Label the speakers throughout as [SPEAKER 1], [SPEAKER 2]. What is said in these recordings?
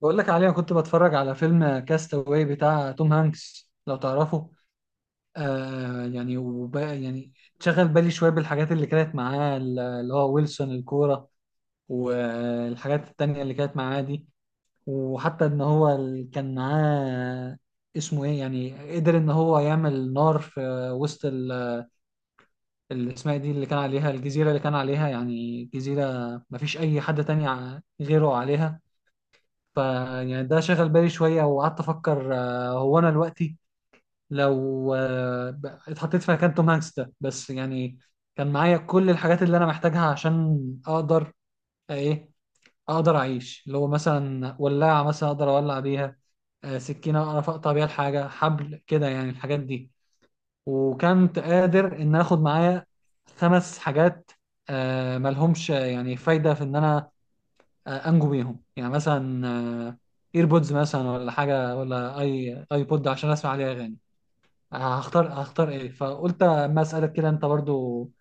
[SPEAKER 1] بقول لك عليه انا كنت بتفرج على فيلم كاستاوي بتاع توم هانكس لو تعرفه. يعني شغل بالي شويه بالحاجات اللي كانت معاه اللي هو ويلسون الكوره والحاجات التانية اللي كانت معاه دي. وحتى ان هو كان معاه اسمه ايه يعني قدر ان هو يعمل نار في وسط اللي اسمها إيه دي اللي كان عليها الجزيره اللي كان عليها يعني جزيره مفيش اي حد تاني غيره عليها. فيعني ده شغل بالي شوية وقعدت أفكر، هو أنا دلوقتي لو اتحطيت في مكان توم هانكس ده بس يعني كان معايا كل الحاجات اللي أنا محتاجها عشان أقدر آه، إيه أقدر أعيش، اللي هو مثلا ولاعة مثلا أقدر أولع بيها، سكينة أعرف أقطع بيها الحاجة حبل كده يعني الحاجات دي. وكنت قادر إن آخد معايا خمس حاجات ملهمش يعني فايدة في إن أنا انجو بيهم، يعني مثلا ايربودز مثلا ولا حاجه ولا اي اي بود عشان اسمع عليها اغاني. هختار ايه، فقلت اما اسالك كده انت برضو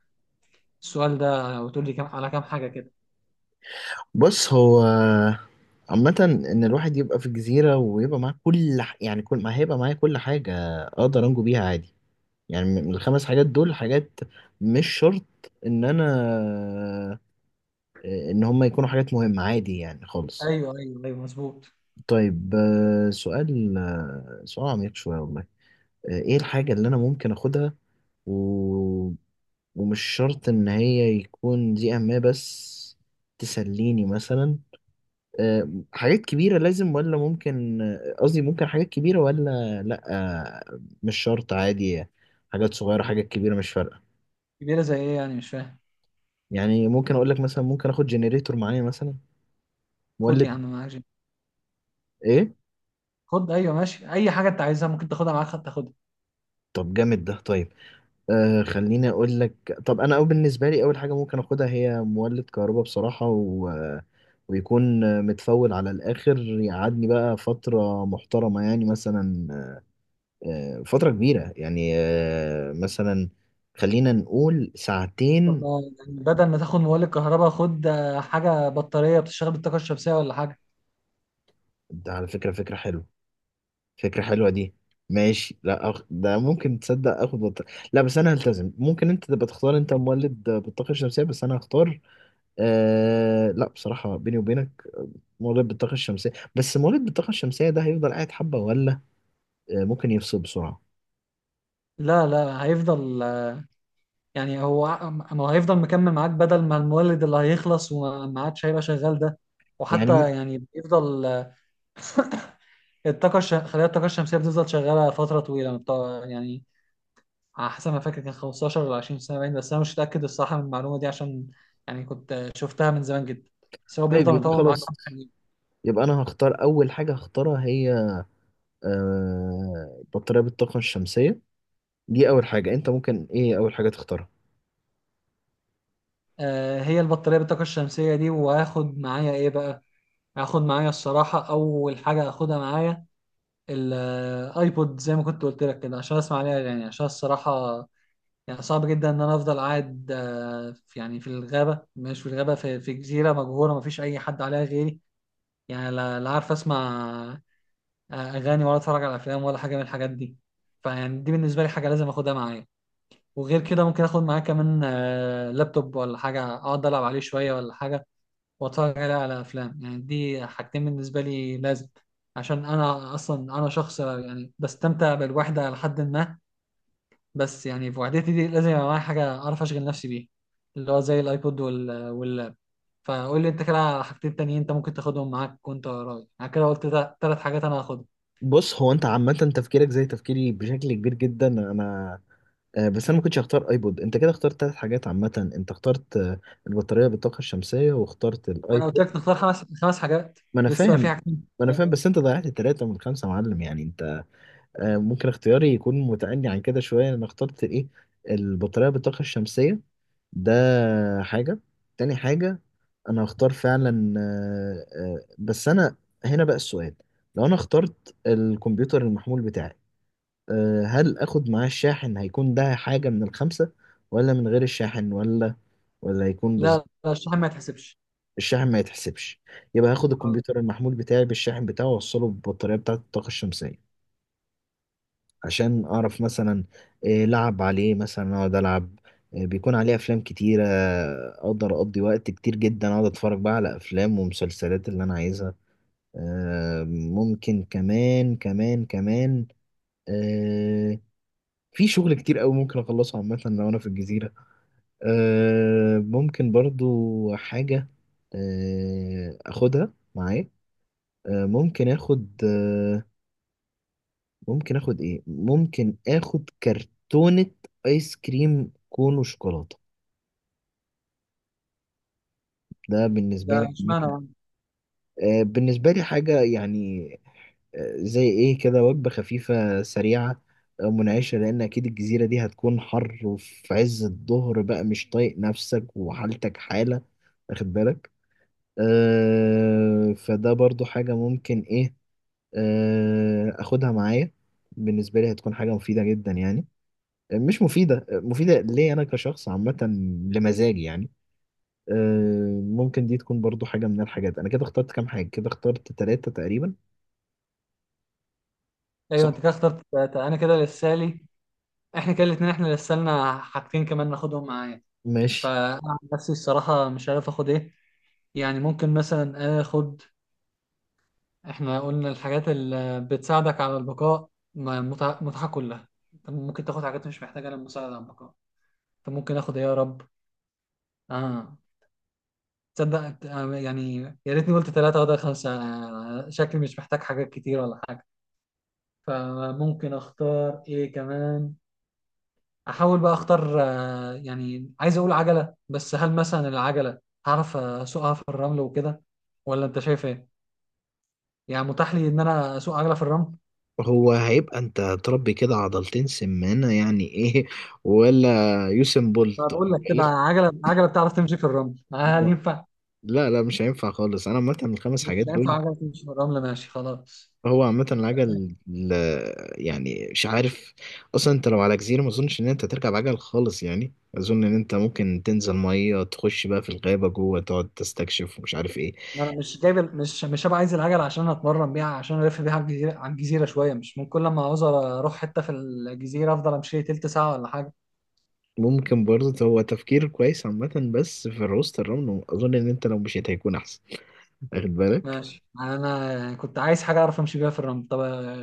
[SPEAKER 1] السؤال ده وتقول لي كم على كام حاجه كده.
[SPEAKER 2] بص هو عامة، إن الواحد يبقى في الجزيرة ويبقى معاه يعني كل ما هيبقى معايا كل حاجة أقدر أنجو بيها عادي. يعني من الخمس حاجات دول، حاجات مش شرط إن أنا، إن هما يكونوا حاجات مهمة، عادي يعني خالص.
[SPEAKER 1] ايوه ايوه ايوه، مظبوط.
[SPEAKER 2] طيب، سؤال، سؤال عميق شوية والله. إيه الحاجة اللي أنا ممكن أخدها، و... ومش شرط إن هي يكون دي أهمية، بس تسليني مثلا. حاجات كبيرة لازم ولا ممكن، قصدي ممكن حاجات كبيرة ولا لأ. مش شرط، عادي. حاجات صغيرة، حاجات كبيرة، مش فارقة.
[SPEAKER 1] كبيره زي ايه يعني؟ مش فاهم.
[SPEAKER 2] يعني ممكن أقول لك مثلا، ممكن آخد جنريتور معايا مثلا،
[SPEAKER 1] خد يا
[SPEAKER 2] مولد.
[SPEAKER 1] عم معاك جيم.
[SPEAKER 2] إيه؟
[SPEAKER 1] خد، ايوه ماشي، اي حاجه انت عايزها ممكن تاخدها معاك، تاخدها.
[SPEAKER 2] طب جامد ده، طيب. آه، خليني أقول لك، طب أنا أو بالنسبة لي، أول حاجة ممكن آخدها هي مولد كهرباء بصراحة، و... ويكون متفول على الآخر، يقعدني بقى فترة محترمة، يعني مثلا فترة كبيرة يعني، مثلا خلينا نقول
[SPEAKER 1] طب
[SPEAKER 2] ساعتين.
[SPEAKER 1] ما يعني بدل ما تاخد مولد كهرباء خد حاجه بطاريه بتشتغل بالطاقه الشمسيه ولا حاجه.
[SPEAKER 2] ده على فكرة فكرة حلوة، فكرة حلوة دي. ماشي، لا أخ... ده ممكن، تصدق لا، بس انا هلتزم. ممكن انت تبقى تختار انت مولد بالطاقة الشمسية، بس انا هختار. آه... لا، بصراحة بيني وبينك، مولد بالطاقة الشمسية، بس مولد بالطاقة الشمسية ده هيفضل قاعد حبة ولا ممكن يفصل بسرعة؟
[SPEAKER 1] لا لا، هيفضل يعني، هو ما هو هيفضل مكمل معاك بدل ما المولد اللي هيخلص وما عادش هيبقى شغال ده. وحتى
[SPEAKER 2] يعني
[SPEAKER 1] يعني بيفضل خلايا الطاقة الشمسية بتفضل شغالة فترة طويلة يعني على حسب ما فاكر كان 15 ولا 20 سنة باين، بس أنا مش متأكد الصراحة من المعلومة دي عشان يعني كنت شفتها من زمان جدا. بس هو
[SPEAKER 2] طيب،
[SPEAKER 1] بيفضل
[SPEAKER 2] يبقى
[SPEAKER 1] مطول معاك
[SPEAKER 2] خلاص،
[SPEAKER 1] حبة حلوين.
[SPEAKER 2] يبقى انا هختار اول حاجة هختارها هي آه... بطارية بالطاقة الشمسية. دي اول حاجه. انت ممكن ايه اول حاجه تختارها؟
[SPEAKER 1] هي البطارية بالطاقة الشمسية دي، وهاخد معايا إيه بقى؟ هاخد معايا الصراحة أول حاجة هاخدها معايا الايبود، زي ما كنت قلت لك كده عشان اسمع عليها. يعني عشان الصراحة يعني صعب جدا ان انا افضل قاعد يعني في الغابه، مش في الغابه، في جزيره مجهوله ما فيش اي حد عليها غيري، يعني لا عارف اسمع اغاني ولا اتفرج على افلام ولا حاجه من الحاجات دي. فيعني دي بالنسبه لي حاجه لازم اخدها معايا. وغير كده ممكن اخد معايا كمان لابتوب ولا حاجه اقعد العب عليه شويه ولا حاجه واتفرج عليه على افلام، يعني دي حاجتين بالنسبه لي لازم، عشان انا اصلا انا شخص يعني بستمتع بالوحده لحد ما، بس يعني في وحدتي دي لازم يبقى معايا حاجة أعرف أشغل نفسي بيها، اللي هو زي الأيبود واللاب. فقول لي أنت كده على حاجتين تانيين أنت ممكن تاخدهم معاك وأنت رايح، أنا كده قلت ثلاث حاجات أنا هاخدهم.
[SPEAKER 2] بص، هو انت عامه تفكيرك زي تفكيري بشكل كبير جدا، انا بس انا ما كنتش هختار ايبود. انت كده اخترت ثلاث حاجات، عامه انت اخترت البطاريه بالطاقه الشمسيه، واخترت
[SPEAKER 1] وأنا قلت
[SPEAKER 2] الايبود.
[SPEAKER 1] لك نختار خمس حاجات.
[SPEAKER 2] ما انا
[SPEAKER 1] لسه
[SPEAKER 2] فاهم.
[SPEAKER 1] في حاجتين
[SPEAKER 2] ما انا
[SPEAKER 1] كمان.
[SPEAKER 2] فاهم، بس انت ضيعت ثلاثه من خمسه يا معلم. يعني ممكن اختياري يكون متأني عن كده شوية. أنا اخترت إيه؟ البطارية بالطاقة الشمسية، ده حاجة. تاني حاجة، أنا هختار فعلا بس أنا، هنا بقى السؤال، لو أنا اخترت الكمبيوتر المحمول بتاعي، هل آخد معاه الشاحن؟ هيكون ده حاجة من الخمسة ولا من غير الشاحن، ولا ولا هيكون بالظبط؟
[SPEAKER 1] لا لا، الشحن ما يتحسبش.
[SPEAKER 2] الشاحن ما يتحسبش. يبقى هاخد
[SPEAKER 1] أه.
[SPEAKER 2] الكمبيوتر المحمول بتاعي بالشاحن بتاعه، وأوصله بالبطارية بتاعة الطاقة الشمسية، عشان اعرف مثلا إيه، لعب عليه مثلا، اقعد العب إيه، بيكون عليه افلام كتيرة، اقدر اقضي وقت كتير جدا، اقعد اتفرج بقى على افلام ومسلسلات اللي انا عايزها. ممكن كمان كمان كمان آه، في شغل كتير قوي ممكن اخلصه عامة لو انا في الجزيرة. ممكن برضو حاجة اخدها معايا. آه، ممكن اخد آه، ممكن اخد ايه، ممكن اخد كرتونة ايس كريم كون وشوكولاتة. ده
[SPEAKER 1] ده
[SPEAKER 2] بالنسبة لي
[SPEAKER 1] اشمعنى
[SPEAKER 2] ممكن،
[SPEAKER 1] يعني؟
[SPEAKER 2] بالنسبة لي حاجة، يعني زي ايه كده، وجبة خفيفة سريعة منعشة، لان اكيد الجزيرة دي هتكون حر، وفي عز الظهر بقى مش طايق نفسك وحالتك حالة، واخد بالك؟ فده برضو حاجة ممكن ايه آه اخدها معايا. بالنسبة لي هتكون حاجة مفيدة جدا، يعني مش مفيدة مفيدة، ليه؟ أنا كشخص عامة، لمزاجي يعني. ممكن دي تكون برضو حاجة من الحاجات. أنا كده اخترت كام حاجة؟ كده اخترت تلاتة تقريبا،
[SPEAKER 1] أيوه
[SPEAKER 2] صح؟
[SPEAKER 1] أنت كده اخترت ثلاثة، أنا كده لسه لي. إحنا كده الاتنين إحنا لسه لنا حاجتين كمان ناخدهم معايا.
[SPEAKER 2] ماشي.
[SPEAKER 1] فأنا عن نفسي الصراحة مش عارف آخد إيه، يعني ممكن مثلا آخد. احنا قلنا الحاجات اللي بتساعدك على البقاء متعة متعة كلها. انت ممكن تاخد حاجات مش محتاجة للمساعدة على البقاء. انت ممكن اخد ايه يا رب. اه، تصدق يعني يا ريتني قلت ثلاثة وده خمسة. شكلي مش محتاج حاجات كتير ولا حاجة. فممكن اختار ايه كمان؟ احاول بقى اختار يعني، عايز اقول عجلة، بس هل مثلا العجلة هعرف اسوقها في الرمل وكده ولا انت شايف ايه؟ يعني متاح لي ان انا اسوق عجلة في الرمل؟
[SPEAKER 2] هو هيبقى أنت تربي كده عضلتين سمانة يعني، إيه ولا يوسم
[SPEAKER 1] انا
[SPEAKER 2] بولت؟
[SPEAKER 1] بقول لك كده عجله بتعرف تمشي في الرمل هل ينفع؟
[SPEAKER 2] لا لا، مش هينفع خالص. أنا عامة الخمس
[SPEAKER 1] مش
[SPEAKER 2] حاجات
[SPEAKER 1] هينفع
[SPEAKER 2] دول،
[SPEAKER 1] عجله تمشي في الرمل، ماشي خلاص.
[SPEAKER 2] هو عامة يعني مش عارف، اصلا انت لو على جزيرة ما اظنش ان انت تركب عجل خالص. يعني اظن ان انت ممكن تنزل مية، تخش بقى في الغابة جوه، تقعد تستكشف ومش عارف ايه.
[SPEAKER 1] انا مش جايب مش هبقى عايز العجله عشان اتمرن بيها، عشان الف بيها على الجزيره شويه، مش من كل لما عاوز اروح حته في الجزيره افضل امشي لي تلت ساعه ولا حاجه.
[SPEAKER 2] ممكن برضه، هو تفكير كويس عامة، بس في الروست الرمل اظن ان انت لو مشيت هيكون احسن، واخد بالك؟
[SPEAKER 1] ماشي، انا كنت عايز حاجه اعرف امشي بيها في الرمل. طب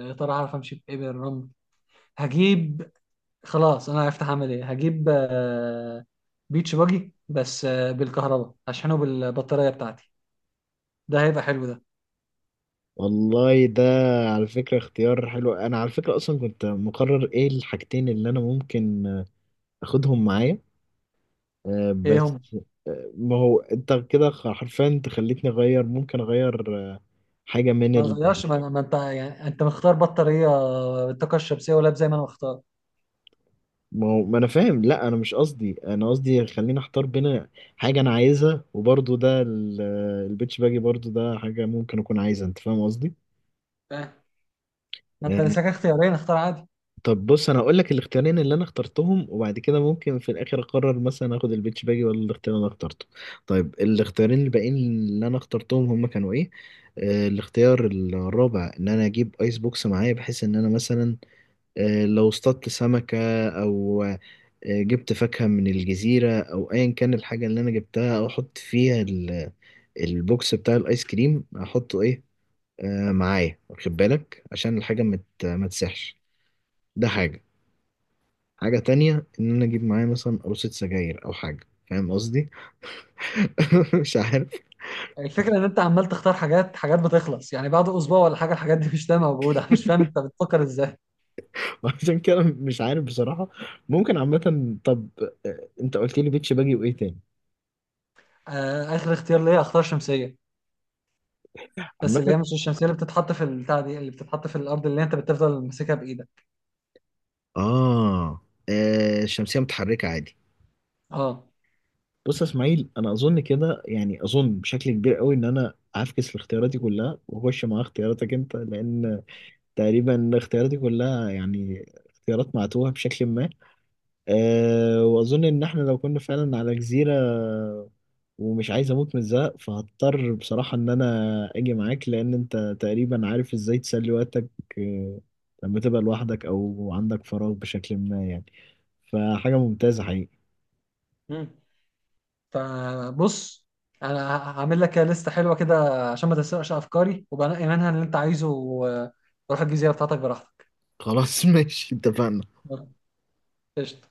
[SPEAKER 1] يا ترى هعرف امشي بايه بالرمل؟ هجيب. خلاص انا عرفت هعمل ايه، هجيب بيتش باجي، بس بالكهرباء هشحنه بالبطاريه بتاعتي. ده هيبقى حلو ده.
[SPEAKER 2] والله ده على فكرة اختيار حلو. انا على فكرة اصلا كنت مقرر ايه الحاجتين اللي انا ممكن اخدهم معايا،
[SPEAKER 1] ايه
[SPEAKER 2] بس
[SPEAKER 1] هم؟
[SPEAKER 2] ما هو انت كده حرفيا انت خليتني اغير، ممكن اغير حاجه من
[SPEAKER 1] ما
[SPEAKER 2] ال...
[SPEAKER 1] غيرش، ما انت يعني انت مختار بطاريه بالطاقه الشمسيه ولاب زي ما انا مختار.
[SPEAKER 2] ما هو ما انا فاهم. لا، انا مش قصدي، انا قصدي خليني اختار بين حاجه انا عايزها، وبرضه ده ال- آه، البيتش باجي برضه ده حاجه ممكن اكون عايزها، انت فاهم قصدي؟
[SPEAKER 1] فاهم. ما انت
[SPEAKER 2] يعني
[SPEAKER 1] لسه اختيارين، اختار عادي.
[SPEAKER 2] طب بص، انا هقول لك الاختيارين اللي انا اخترتهم، وبعد كده ممكن في الاخر اقرر مثلا اخد البيتش باجي ولا الاختيار اللي انا اخترته. طيب، الاختيارين الباقيين اللي انا اخترتهم هم كانوا ايه؟ الاختيار الرابع ان انا اجيب ايس بوكس معايا، بحيث ان انا مثلا لو اصطدت سمكة او جبت فاكهة من الجزيرة او ايا كان الحاجة اللي انا جبتها، او احط فيها البوكس بتاع الايس كريم، احطه ايه آه معايا، واخد بالك؟ عشان الحاجة ما تسحش. ده حاجة. حاجة تانية، إن أنا أجيب معايا مثلا قروصة سجاير أو حاجة، فاهم قصدي؟ مش عارف.
[SPEAKER 1] الفكره ان انت عمال تختار حاجات، حاجات بتخلص يعني بعد اسبوع ولا حاجه الحاجات دي مش تبقى موجوده. أنا مش فاهم انت بتفكر ازاي.
[SPEAKER 2] وعشان كده مش عارف بصراحة، ممكن عامة، طب أنت قلت لي بيتش باجي وإيه تاني؟
[SPEAKER 1] آه، اخر اختيار ليا اختار شمسيه، بس
[SPEAKER 2] عامة،
[SPEAKER 1] اللي هي مش الشمسيه اللي بتتحط في البتاع دي، اللي بتتحط في الارض اللي انت بتفضل ماسكها بايدك.
[SPEAKER 2] آه الشمسية متحركة عادي.
[SPEAKER 1] اه.
[SPEAKER 2] بص يا إسماعيل، أنا أظن كده، يعني أظن بشكل كبير قوي إن أنا هفكس في اختياراتي كلها، وأخش مع اختياراتك أنت، لأن تقريبا اختياراتي كلها يعني اختيارات معتوهة بشكل ما. أه، وأظن إن إحنا لو كنا فعلا على جزيرة، ومش عايز أموت من الزهق، فهضطر بصراحة إن أنا أجي معاك، لأن أنت تقريبا عارف إزاي تسلي وقتك. أه، لما تبقى لوحدك أو عندك فراغ بشكل ما، يعني فحاجة ممتازة حقيقي.
[SPEAKER 1] مم. فبص، انا هعمل لك لسته حلوه كده عشان ما تسرقش افكاري، وبنقي منها اللي انت عايزه وروح الجزيره بتاعتك براحتك.
[SPEAKER 2] خلاص، ماشي، اتفقنا.
[SPEAKER 1] قشطة.